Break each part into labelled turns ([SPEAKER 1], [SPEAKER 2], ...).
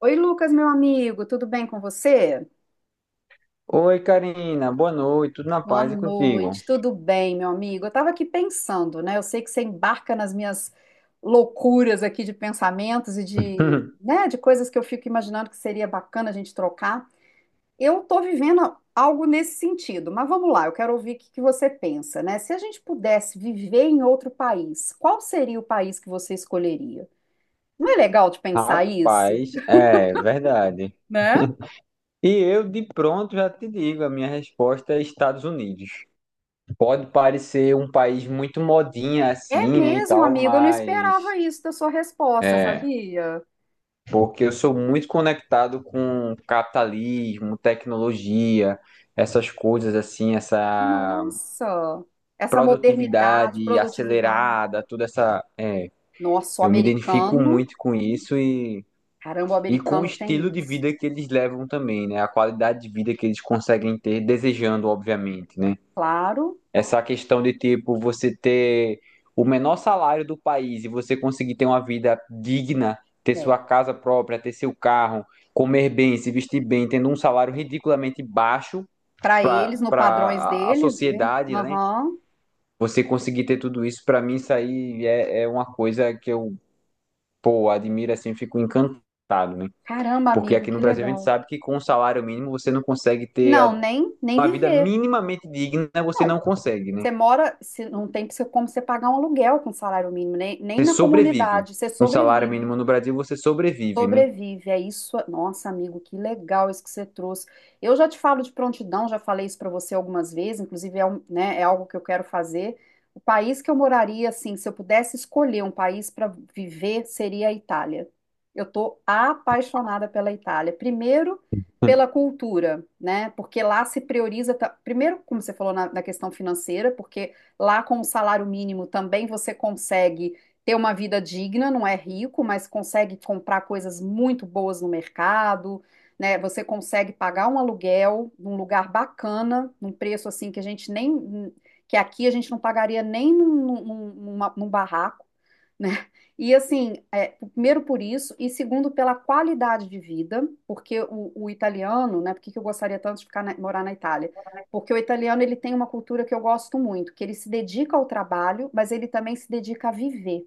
[SPEAKER 1] Oi, Lucas, meu amigo, tudo bem com você?
[SPEAKER 2] Oi, Karina, boa noite, tudo na
[SPEAKER 1] Boa
[SPEAKER 2] paz e contigo?
[SPEAKER 1] noite, tudo bem, meu amigo? Eu estava aqui pensando, né? Eu sei que você embarca nas minhas loucuras aqui de pensamentos e de, né, de coisas que eu fico imaginando que seria bacana a gente trocar. Eu estou vivendo algo nesse sentido, mas vamos lá, eu quero ouvir o que que você pensa, né? Se a gente pudesse viver em outro país, qual seria o país que você escolheria? Não é legal de pensar isso,
[SPEAKER 2] Rapaz, é verdade.
[SPEAKER 1] né?
[SPEAKER 2] E eu de pronto já te digo, a minha resposta é Estados Unidos. Pode parecer um país muito modinha
[SPEAKER 1] É
[SPEAKER 2] assim, né, e
[SPEAKER 1] mesmo,
[SPEAKER 2] tal,
[SPEAKER 1] amigo, eu não esperava
[SPEAKER 2] mas
[SPEAKER 1] isso da sua resposta,
[SPEAKER 2] é,
[SPEAKER 1] sabia?
[SPEAKER 2] porque eu sou muito conectado com capitalismo, tecnologia, essas coisas assim, essa
[SPEAKER 1] Nossa, essa modernidade,
[SPEAKER 2] produtividade
[SPEAKER 1] produtividade.
[SPEAKER 2] acelerada, toda essa,
[SPEAKER 1] Nossa, o
[SPEAKER 2] eu me identifico
[SPEAKER 1] americano,
[SPEAKER 2] muito com isso.
[SPEAKER 1] caramba, o
[SPEAKER 2] E com o
[SPEAKER 1] americano
[SPEAKER 2] estilo
[SPEAKER 1] tem
[SPEAKER 2] de
[SPEAKER 1] isso.
[SPEAKER 2] vida que eles levam também, né? A qualidade de vida que eles conseguem ter, desejando, obviamente, né?
[SPEAKER 1] Claro,
[SPEAKER 2] Essa questão de, tipo, você ter o menor salário do país e você conseguir ter uma vida digna, ter sua
[SPEAKER 1] é.
[SPEAKER 2] casa própria, ter seu carro, comer bem, se vestir bem, tendo um salário ridiculamente baixo
[SPEAKER 1] Para
[SPEAKER 2] para
[SPEAKER 1] eles, no padrões
[SPEAKER 2] para a
[SPEAKER 1] deles, né?
[SPEAKER 2] sociedade, né?
[SPEAKER 1] Aham.
[SPEAKER 2] Você conseguir ter tudo isso, para mim, isso aí é, é uma coisa que eu, pô, admiro assim, fico encantado, né?
[SPEAKER 1] Caramba,
[SPEAKER 2] Porque
[SPEAKER 1] amigo,
[SPEAKER 2] aqui
[SPEAKER 1] que
[SPEAKER 2] no Brasil a gente
[SPEAKER 1] legal.
[SPEAKER 2] sabe que com o salário mínimo você não consegue ter
[SPEAKER 1] Não, nem
[SPEAKER 2] uma vida
[SPEAKER 1] viver.
[SPEAKER 2] minimamente digna, você não
[SPEAKER 1] Não,
[SPEAKER 2] consegue, né?
[SPEAKER 1] você mora, não tem como você pagar um aluguel com salário mínimo, nem, nem
[SPEAKER 2] Você
[SPEAKER 1] na
[SPEAKER 2] sobrevive.
[SPEAKER 1] comunidade, você
[SPEAKER 2] Com salário
[SPEAKER 1] sobrevive.
[SPEAKER 2] mínimo no Brasil você sobrevive, né?
[SPEAKER 1] Sobrevive, é isso. Nossa, amigo, que legal isso que você trouxe. Eu já te falo de prontidão, já falei isso para você algumas vezes, inclusive é, né, é algo que eu quero fazer. O país que eu moraria, assim, se eu pudesse escolher um país para viver, seria a Itália. Eu tô apaixonada pela Itália. Primeiro, pela cultura, né? Porque lá se prioriza, primeiro, como você falou na, na questão financeira, porque lá com o salário mínimo também você consegue ter uma vida digna, não é rico, mas consegue comprar coisas muito boas no mercado, né? Você consegue pagar um aluguel num lugar bacana, num preço assim que a gente nem, que aqui a gente não pagaria nem num, num barraco, né? E assim, é, primeiro por isso, e segundo pela qualidade de vida, porque o italiano, né? Por que que eu gostaria tanto de ficar morar na Itália? Porque o italiano ele tem uma cultura que eu gosto muito, que ele se dedica ao trabalho, mas ele também se dedica a viver.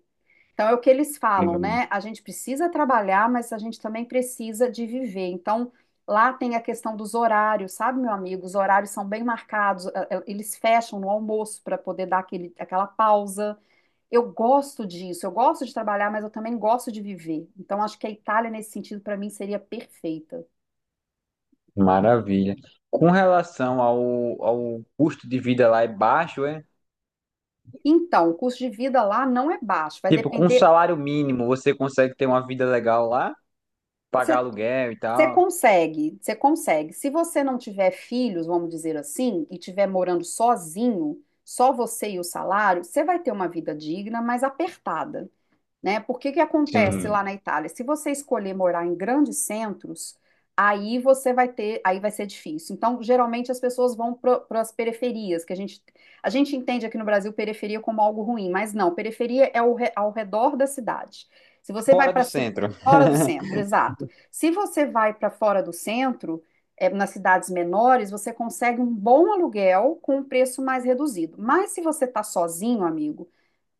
[SPEAKER 1] Então, é o que eles falam,
[SPEAKER 2] Hum.
[SPEAKER 1] né? A gente precisa trabalhar, mas a gente também precisa de viver. Então, lá tem a questão dos horários, sabe, meu amigo? Os horários são bem marcados, eles fecham no almoço para poder dar aquele, aquela pausa. Eu gosto disso, eu gosto de trabalhar, mas eu também gosto de viver. Então, acho que a Itália, nesse sentido, para mim, seria perfeita.
[SPEAKER 2] Maravilha. Com relação ao, ao custo de vida lá é baixo, é?
[SPEAKER 1] Então, o custo de vida lá não é baixo, vai
[SPEAKER 2] Tipo, com
[SPEAKER 1] depender.
[SPEAKER 2] salário mínimo você consegue ter uma vida legal lá, pagar aluguel e
[SPEAKER 1] Você
[SPEAKER 2] tal.
[SPEAKER 1] consegue, você consegue. Se você não tiver filhos, vamos dizer assim, e tiver morando sozinho, só você e o salário, você vai ter uma vida digna, mas apertada, né? Por que que acontece lá
[SPEAKER 2] Sim.
[SPEAKER 1] na Itália? Se você escolher morar em grandes centros, aí você vai ter, aí vai ser difícil. Então, geralmente as pessoas vão para as periferias, que a gente entende aqui no Brasil periferia como algo ruim, mas não, periferia é ao, ao redor da cidade. Se você vai
[SPEAKER 2] Fora do
[SPEAKER 1] para
[SPEAKER 2] centro.
[SPEAKER 1] fora do centro, exato. Se você vai para fora do centro, é, nas cidades menores, você consegue um bom aluguel com um preço mais reduzido. Mas se você está sozinho, amigo,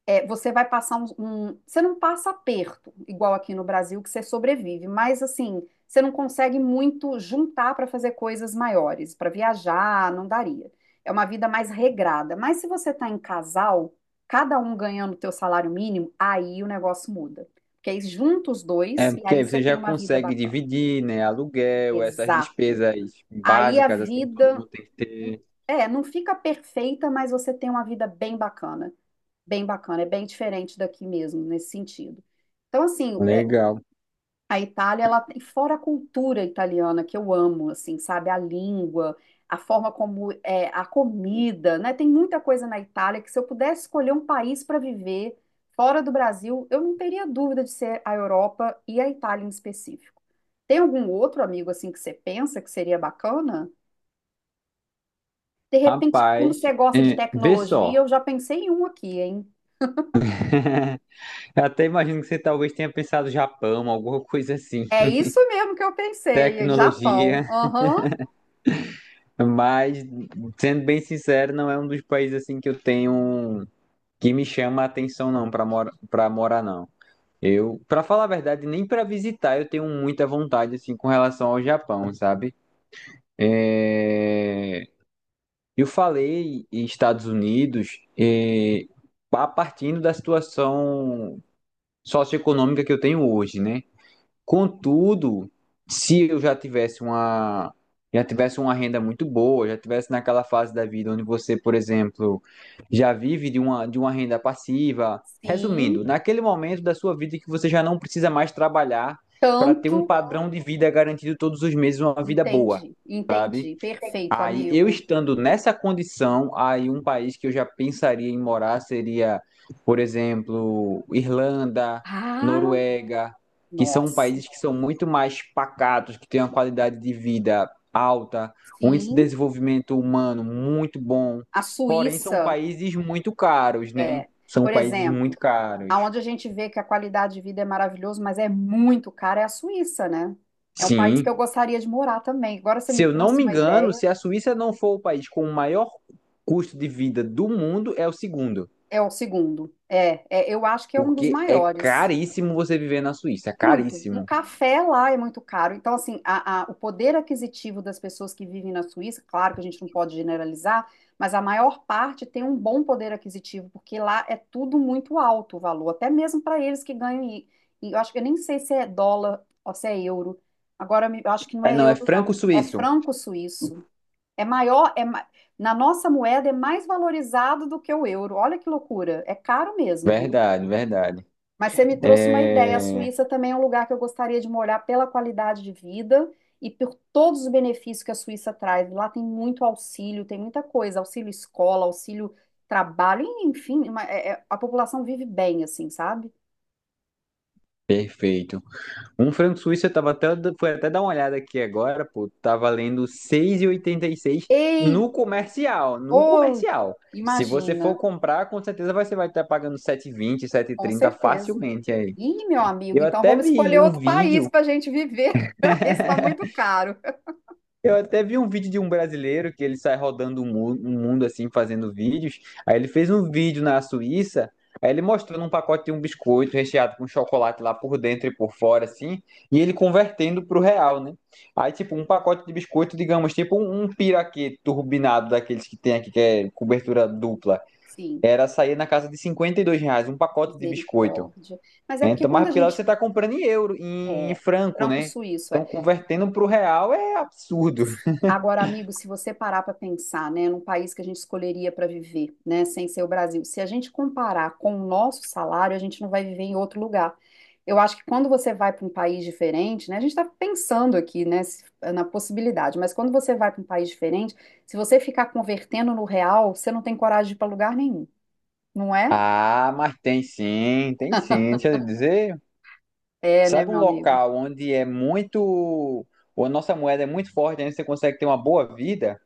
[SPEAKER 1] é, você vai passar um, você não passa aperto, igual aqui no Brasil, que você sobrevive, mas assim, você não consegue muito juntar para fazer coisas maiores, para viajar, não daria. É uma vida mais regrada. Mas se você está em casal, cada um ganhando o teu salário mínimo, aí o negócio muda. Porque aí junta os
[SPEAKER 2] É,
[SPEAKER 1] dois e
[SPEAKER 2] porque
[SPEAKER 1] aí
[SPEAKER 2] aí
[SPEAKER 1] você
[SPEAKER 2] você
[SPEAKER 1] tem
[SPEAKER 2] já
[SPEAKER 1] uma vida
[SPEAKER 2] consegue
[SPEAKER 1] bacana.
[SPEAKER 2] dividir, né? Aluguel, essas
[SPEAKER 1] Exato.
[SPEAKER 2] despesas
[SPEAKER 1] Aí a
[SPEAKER 2] básicas, assim, que todo
[SPEAKER 1] vida.
[SPEAKER 2] mundo tem que ter.
[SPEAKER 1] É, não fica perfeita, mas você tem uma vida bem bacana, bem bacana, é bem diferente daqui mesmo, nesse sentido. Então, assim, é,
[SPEAKER 2] Legal.
[SPEAKER 1] a Itália, ela tem, fora a cultura italiana, que eu amo, assim, sabe, a língua, a forma como é a comida, né? Tem muita coisa na Itália que se eu pudesse escolher um país para viver fora do Brasil, eu não teria dúvida de ser a Europa e a Itália em específico. Tem algum outro amigo, assim, que você pensa que seria bacana? De repente, como
[SPEAKER 2] Rapaz,
[SPEAKER 1] você gosta de
[SPEAKER 2] vê
[SPEAKER 1] tecnologia,
[SPEAKER 2] só.
[SPEAKER 1] eu já pensei em um aqui, hein?
[SPEAKER 2] Eu até imagino que você talvez tenha pensado Japão, alguma coisa assim,
[SPEAKER 1] É isso mesmo que eu pensei, é Japão.
[SPEAKER 2] tecnologia,
[SPEAKER 1] Aham,
[SPEAKER 2] mas sendo bem sincero, não é um dos países assim que eu tenho que me chama a atenção não para morar não. Eu, para falar a verdade, nem para visitar eu tenho muita vontade assim com relação ao Japão, sabe? É, Eu falei em Estados Unidos, partindo da situação socioeconômica que eu tenho hoje, né? Contudo, se eu já tivesse uma renda muito boa, já tivesse naquela fase da vida onde você, por exemplo, já vive de uma renda passiva, resumindo,
[SPEAKER 1] sim,
[SPEAKER 2] naquele momento da sua vida que você já não precisa mais trabalhar para ter um
[SPEAKER 1] tanto.
[SPEAKER 2] padrão de vida garantido todos os meses, uma vida boa,
[SPEAKER 1] Entendi,
[SPEAKER 2] sabe?
[SPEAKER 1] entendi. Perfeito,
[SPEAKER 2] Aí, eu
[SPEAKER 1] amigo.
[SPEAKER 2] estando nessa condição, aí um país que eu já pensaria em morar seria, por exemplo, Irlanda,
[SPEAKER 1] Ah,
[SPEAKER 2] Noruega, que são
[SPEAKER 1] nossa.
[SPEAKER 2] países que são muito mais pacatos, que têm uma qualidade de vida alta, um índice de
[SPEAKER 1] Sim,
[SPEAKER 2] desenvolvimento humano muito bom.
[SPEAKER 1] a
[SPEAKER 2] Porém, são
[SPEAKER 1] Suíça
[SPEAKER 2] países muito caros, né?
[SPEAKER 1] é,
[SPEAKER 2] São
[SPEAKER 1] por
[SPEAKER 2] países
[SPEAKER 1] exemplo,
[SPEAKER 2] muito caros.
[SPEAKER 1] aonde a gente vê que a qualidade de vida é maravilhosa, mas é muito cara, é a Suíça, né? É um país que
[SPEAKER 2] Sim.
[SPEAKER 1] eu gostaria de morar também. Agora você
[SPEAKER 2] Se
[SPEAKER 1] me
[SPEAKER 2] eu não
[SPEAKER 1] trouxe
[SPEAKER 2] me
[SPEAKER 1] uma
[SPEAKER 2] engano,
[SPEAKER 1] ideia.
[SPEAKER 2] se a Suíça não for o país com o maior custo de vida do mundo, é o segundo.
[SPEAKER 1] É o segundo. É, é, eu acho que é um dos
[SPEAKER 2] Porque é
[SPEAKER 1] maiores.
[SPEAKER 2] caríssimo você viver na Suíça, é
[SPEAKER 1] Muito. Um
[SPEAKER 2] caríssimo.
[SPEAKER 1] café lá é muito caro. Então, assim, o poder aquisitivo das pessoas que vivem na Suíça, claro que a gente não pode generalizar, mas a maior parte tem um bom poder aquisitivo, porque lá é tudo muito alto o valor, até mesmo para eles que ganham. E eu acho que eu nem sei se é dólar ou se é euro. Agora, eu acho que não
[SPEAKER 2] É,
[SPEAKER 1] é
[SPEAKER 2] não, é
[SPEAKER 1] euro, não. É
[SPEAKER 2] franco-suíço.
[SPEAKER 1] franco suíço. É maior, é, na nossa moeda é mais valorizado do que o euro. Olha que loucura. É caro mesmo, viu?
[SPEAKER 2] Verdade, verdade.
[SPEAKER 1] Mas você me trouxe uma ideia. A
[SPEAKER 2] É,
[SPEAKER 1] Suíça também é um lugar que eu gostaria de morar pela qualidade de vida e por todos os benefícios que a Suíça traz. Lá tem muito auxílio, tem muita coisa, auxílio escola, auxílio trabalho, e, enfim, a população vive bem, assim, sabe?
[SPEAKER 2] perfeito. Um franco-suíço fui até dar uma olhada aqui agora, pô, tá valendo 6,86
[SPEAKER 1] Ei,
[SPEAKER 2] no comercial, no
[SPEAKER 1] oh,
[SPEAKER 2] comercial. Se você for
[SPEAKER 1] imagina,
[SPEAKER 2] comprar, com certeza você vai estar pagando 7,20,
[SPEAKER 1] com
[SPEAKER 2] trinta
[SPEAKER 1] certeza.
[SPEAKER 2] facilmente aí.
[SPEAKER 1] Ih, meu amigo,
[SPEAKER 2] Eu
[SPEAKER 1] então
[SPEAKER 2] até
[SPEAKER 1] vamos
[SPEAKER 2] vi
[SPEAKER 1] escolher
[SPEAKER 2] um
[SPEAKER 1] outro país
[SPEAKER 2] vídeo
[SPEAKER 1] para a gente viver. Esse está muito caro.
[SPEAKER 2] Eu até vi um vídeo de um brasileiro que ele sai rodando o mu- o mundo assim, fazendo vídeos. Aí ele fez um vídeo na Suíça, aí ele mostrando um pacote de um biscoito recheado com chocolate lá por dentro e por fora, assim, e ele convertendo pro real, né? Aí, tipo, um pacote de biscoito, digamos, tipo um piraquê turbinado daqueles que tem aqui, que é cobertura dupla,
[SPEAKER 1] Sim,
[SPEAKER 2] era sair na casa de R$ 52, um pacote de biscoito.
[SPEAKER 1] misericórdia. Mas é porque
[SPEAKER 2] Então, mas
[SPEAKER 1] quando a
[SPEAKER 2] porque lá
[SPEAKER 1] gente
[SPEAKER 2] você tá comprando em euro, em, em
[SPEAKER 1] é
[SPEAKER 2] franco, né?
[SPEAKER 1] franco-suíço, é.
[SPEAKER 2] Então, convertendo pro real é absurdo.
[SPEAKER 1] Agora, amigo, se você parar para pensar, né, num país que a gente escolheria para viver, né, sem ser o Brasil, se a gente comparar com o nosso salário, a gente não vai viver em outro lugar. Eu acho que quando você vai para um país diferente, né, a gente está pensando aqui, né, na possibilidade, mas quando você vai para um país diferente, se você ficar convertendo no real, você não tem coragem de ir para lugar nenhum, não é?
[SPEAKER 2] Ah, mas tem sim, tem sim. Deixa eu dizer,
[SPEAKER 1] É, né,
[SPEAKER 2] sabe um
[SPEAKER 1] meu amigo?
[SPEAKER 2] local ou a nossa moeda é muito forte, onde você consegue ter uma boa vida?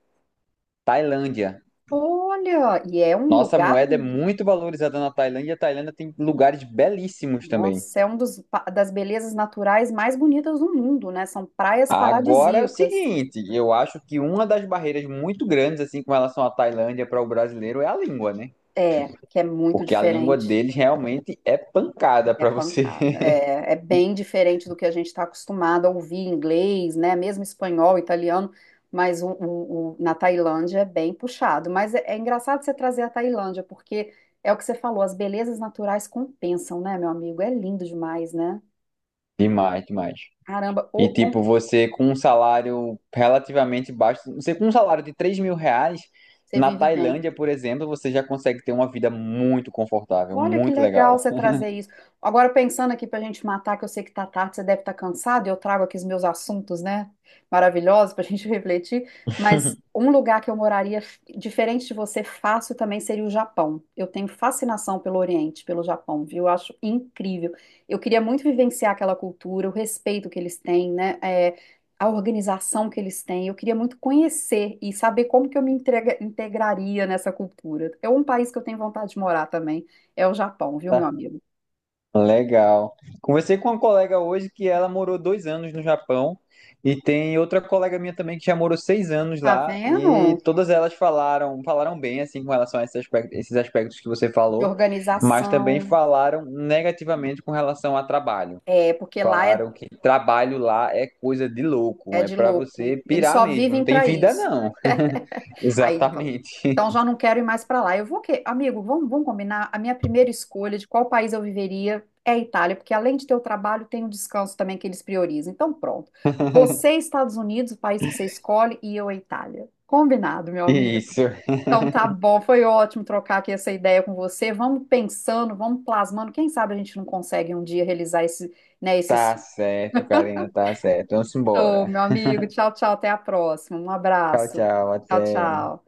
[SPEAKER 2] Tailândia.
[SPEAKER 1] Olha, e é um
[SPEAKER 2] Nossa
[SPEAKER 1] lugar
[SPEAKER 2] moeda é
[SPEAKER 1] lindo.
[SPEAKER 2] muito valorizada na Tailândia. A Tailândia tem lugares belíssimos também.
[SPEAKER 1] Nossa, é um dos, das belezas naturais mais bonitas do mundo, né? São praias
[SPEAKER 2] Agora é o
[SPEAKER 1] paradisíacas.
[SPEAKER 2] seguinte, eu acho que uma das barreiras muito grandes assim com relação à Tailândia para o brasileiro é a língua, né?
[SPEAKER 1] É, que é muito
[SPEAKER 2] Porque a língua
[SPEAKER 1] diferente.
[SPEAKER 2] deles realmente é pancada
[SPEAKER 1] É
[SPEAKER 2] para você.
[SPEAKER 1] pancada. É, é bem diferente do que a gente está acostumado a ouvir em inglês, né? Mesmo espanhol, italiano, mas o, na Tailândia é bem puxado. Mas é, é engraçado você trazer a Tailândia, porque é o que você falou, as belezas naturais compensam, né, meu amigo? É lindo demais, né?
[SPEAKER 2] Demais, demais.
[SPEAKER 1] Caramba,
[SPEAKER 2] E
[SPEAKER 1] ô,
[SPEAKER 2] tipo,
[SPEAKER 1] ô,
[SPEAKER 2] você com um salário relativamente baixo, você com um salário de R$ 3.000,
[SPEAKER 1] você
[SPEAKER 2] na
[SPEAKER 1] vive bem.
[SPEAKER 2] Tailândia, por exemplo, você já consegue ter uma vida muito confortável,
[SPEAKER 1] Olha que
[SPEAKER 2] muito
[SPEAKER 1] legal
[SPEAKER 2] legal.
[SPEAKER 1] você trazer isso. Agora, pensando aqui para a gente matar, que eu sei que tá tarde, você deve estar cansado, e eu trago aqui os meus assuntos, né? Maravilhosos para a gente refletir. Mas um lugar que eu moraria, diferente de você, fácil também seria o Japão. Eu tenho fascinação pelo Oriente, pelo Japão, viu? Eu acho incrível. Eu queria muito vivenciar aquela cultura, o respeito que eles têm, né? É, a organização que eles têm. Eu queria muito conhecer e saber como que eu me integraria nessa cultura. É um país que eu tenho vontade de morar também. É o Japão, viu, meu
[SPEAKER 2] Tá.
[SPEAKER 1] amigo?
[SPEAKER 2] Legal. Conversei com uma colega hoje que ela morou 2 anos no Japão e tem outra colega minha também que já morou 6 anos
[SPEAKER 1] Tá
[SPEAKER 2] lá e
[SPEAKER 1] vendo?
[SPEAKER 2] todas elas falaram bem assim com relação a esses aspectos que você
[SPEAKER 1] De
[SPEAKER 2] falou, mas também
[SPEAKER 1] organização,
[SPEAKER 2] falaram negativamente com relação a trabalho.
[SPEAKER 1] é, porque lá é,
[SPEAKER 2] Falaram que trabalho lá é coisa de louco,
[SPEAKER 1] é
[SPEAKER 2] é
[SPEAKER 1] de
[SPEAKER 2] pra
[SPEAKER 1] louco.
[SPEAKER 2] você
[SPEAKER 1] Eles
[SPEAKER 2] pirar
[SPEAKER 1] só
[SPEAKER 2] mesmo, não
[SPEAKER 1] vivem
[SPEAKER 2] tem
[SPEAKER 1] para
[SPEAKER 2] vida
[SPEAKER 1] isso.
[SPEAKER 2] não.
[SPEAKER 1] Aí, então,
[SPEAKER 2] Exatamente.
[SPEAKER 1] então já não quero ir mais para lá. Eu vou que, amigo, vamos combinar. A minha primeira escolha de qual país eu viveria é a Itália, porque além de ter o trabalho, tem o descanso também que eles priorizam. Então, pronto. Você, Estados Unidos, o país que você escolhe, e eu, a Itália. Combinado, meu amigo.
[SPEAKER 2] Isso.
[SPEAKER 1] Então tá bom, foi ótimo trocar aqui essa ideia com você. Vamos pensando, vamos plasmando. Quem sabe a gente não consegue um dia realizar esse, né, esse
[SPEAKER 2] Tá certo, Karina, tá certo. Vamos
[SPEAKER 1] sonho,
[SPEAKER 2] embora.
[SPEAKER 1] meu amigo. Tchau, tchau, até a próxima. Um
[SPEAKER 2] Tchau,
[SPEAKER 1] abraço.
[SPEAKER 2] tchau,
[SPEAKER 1] Tchau,
[SPEAKER 2] até.
[SPEAKER 1] tchau.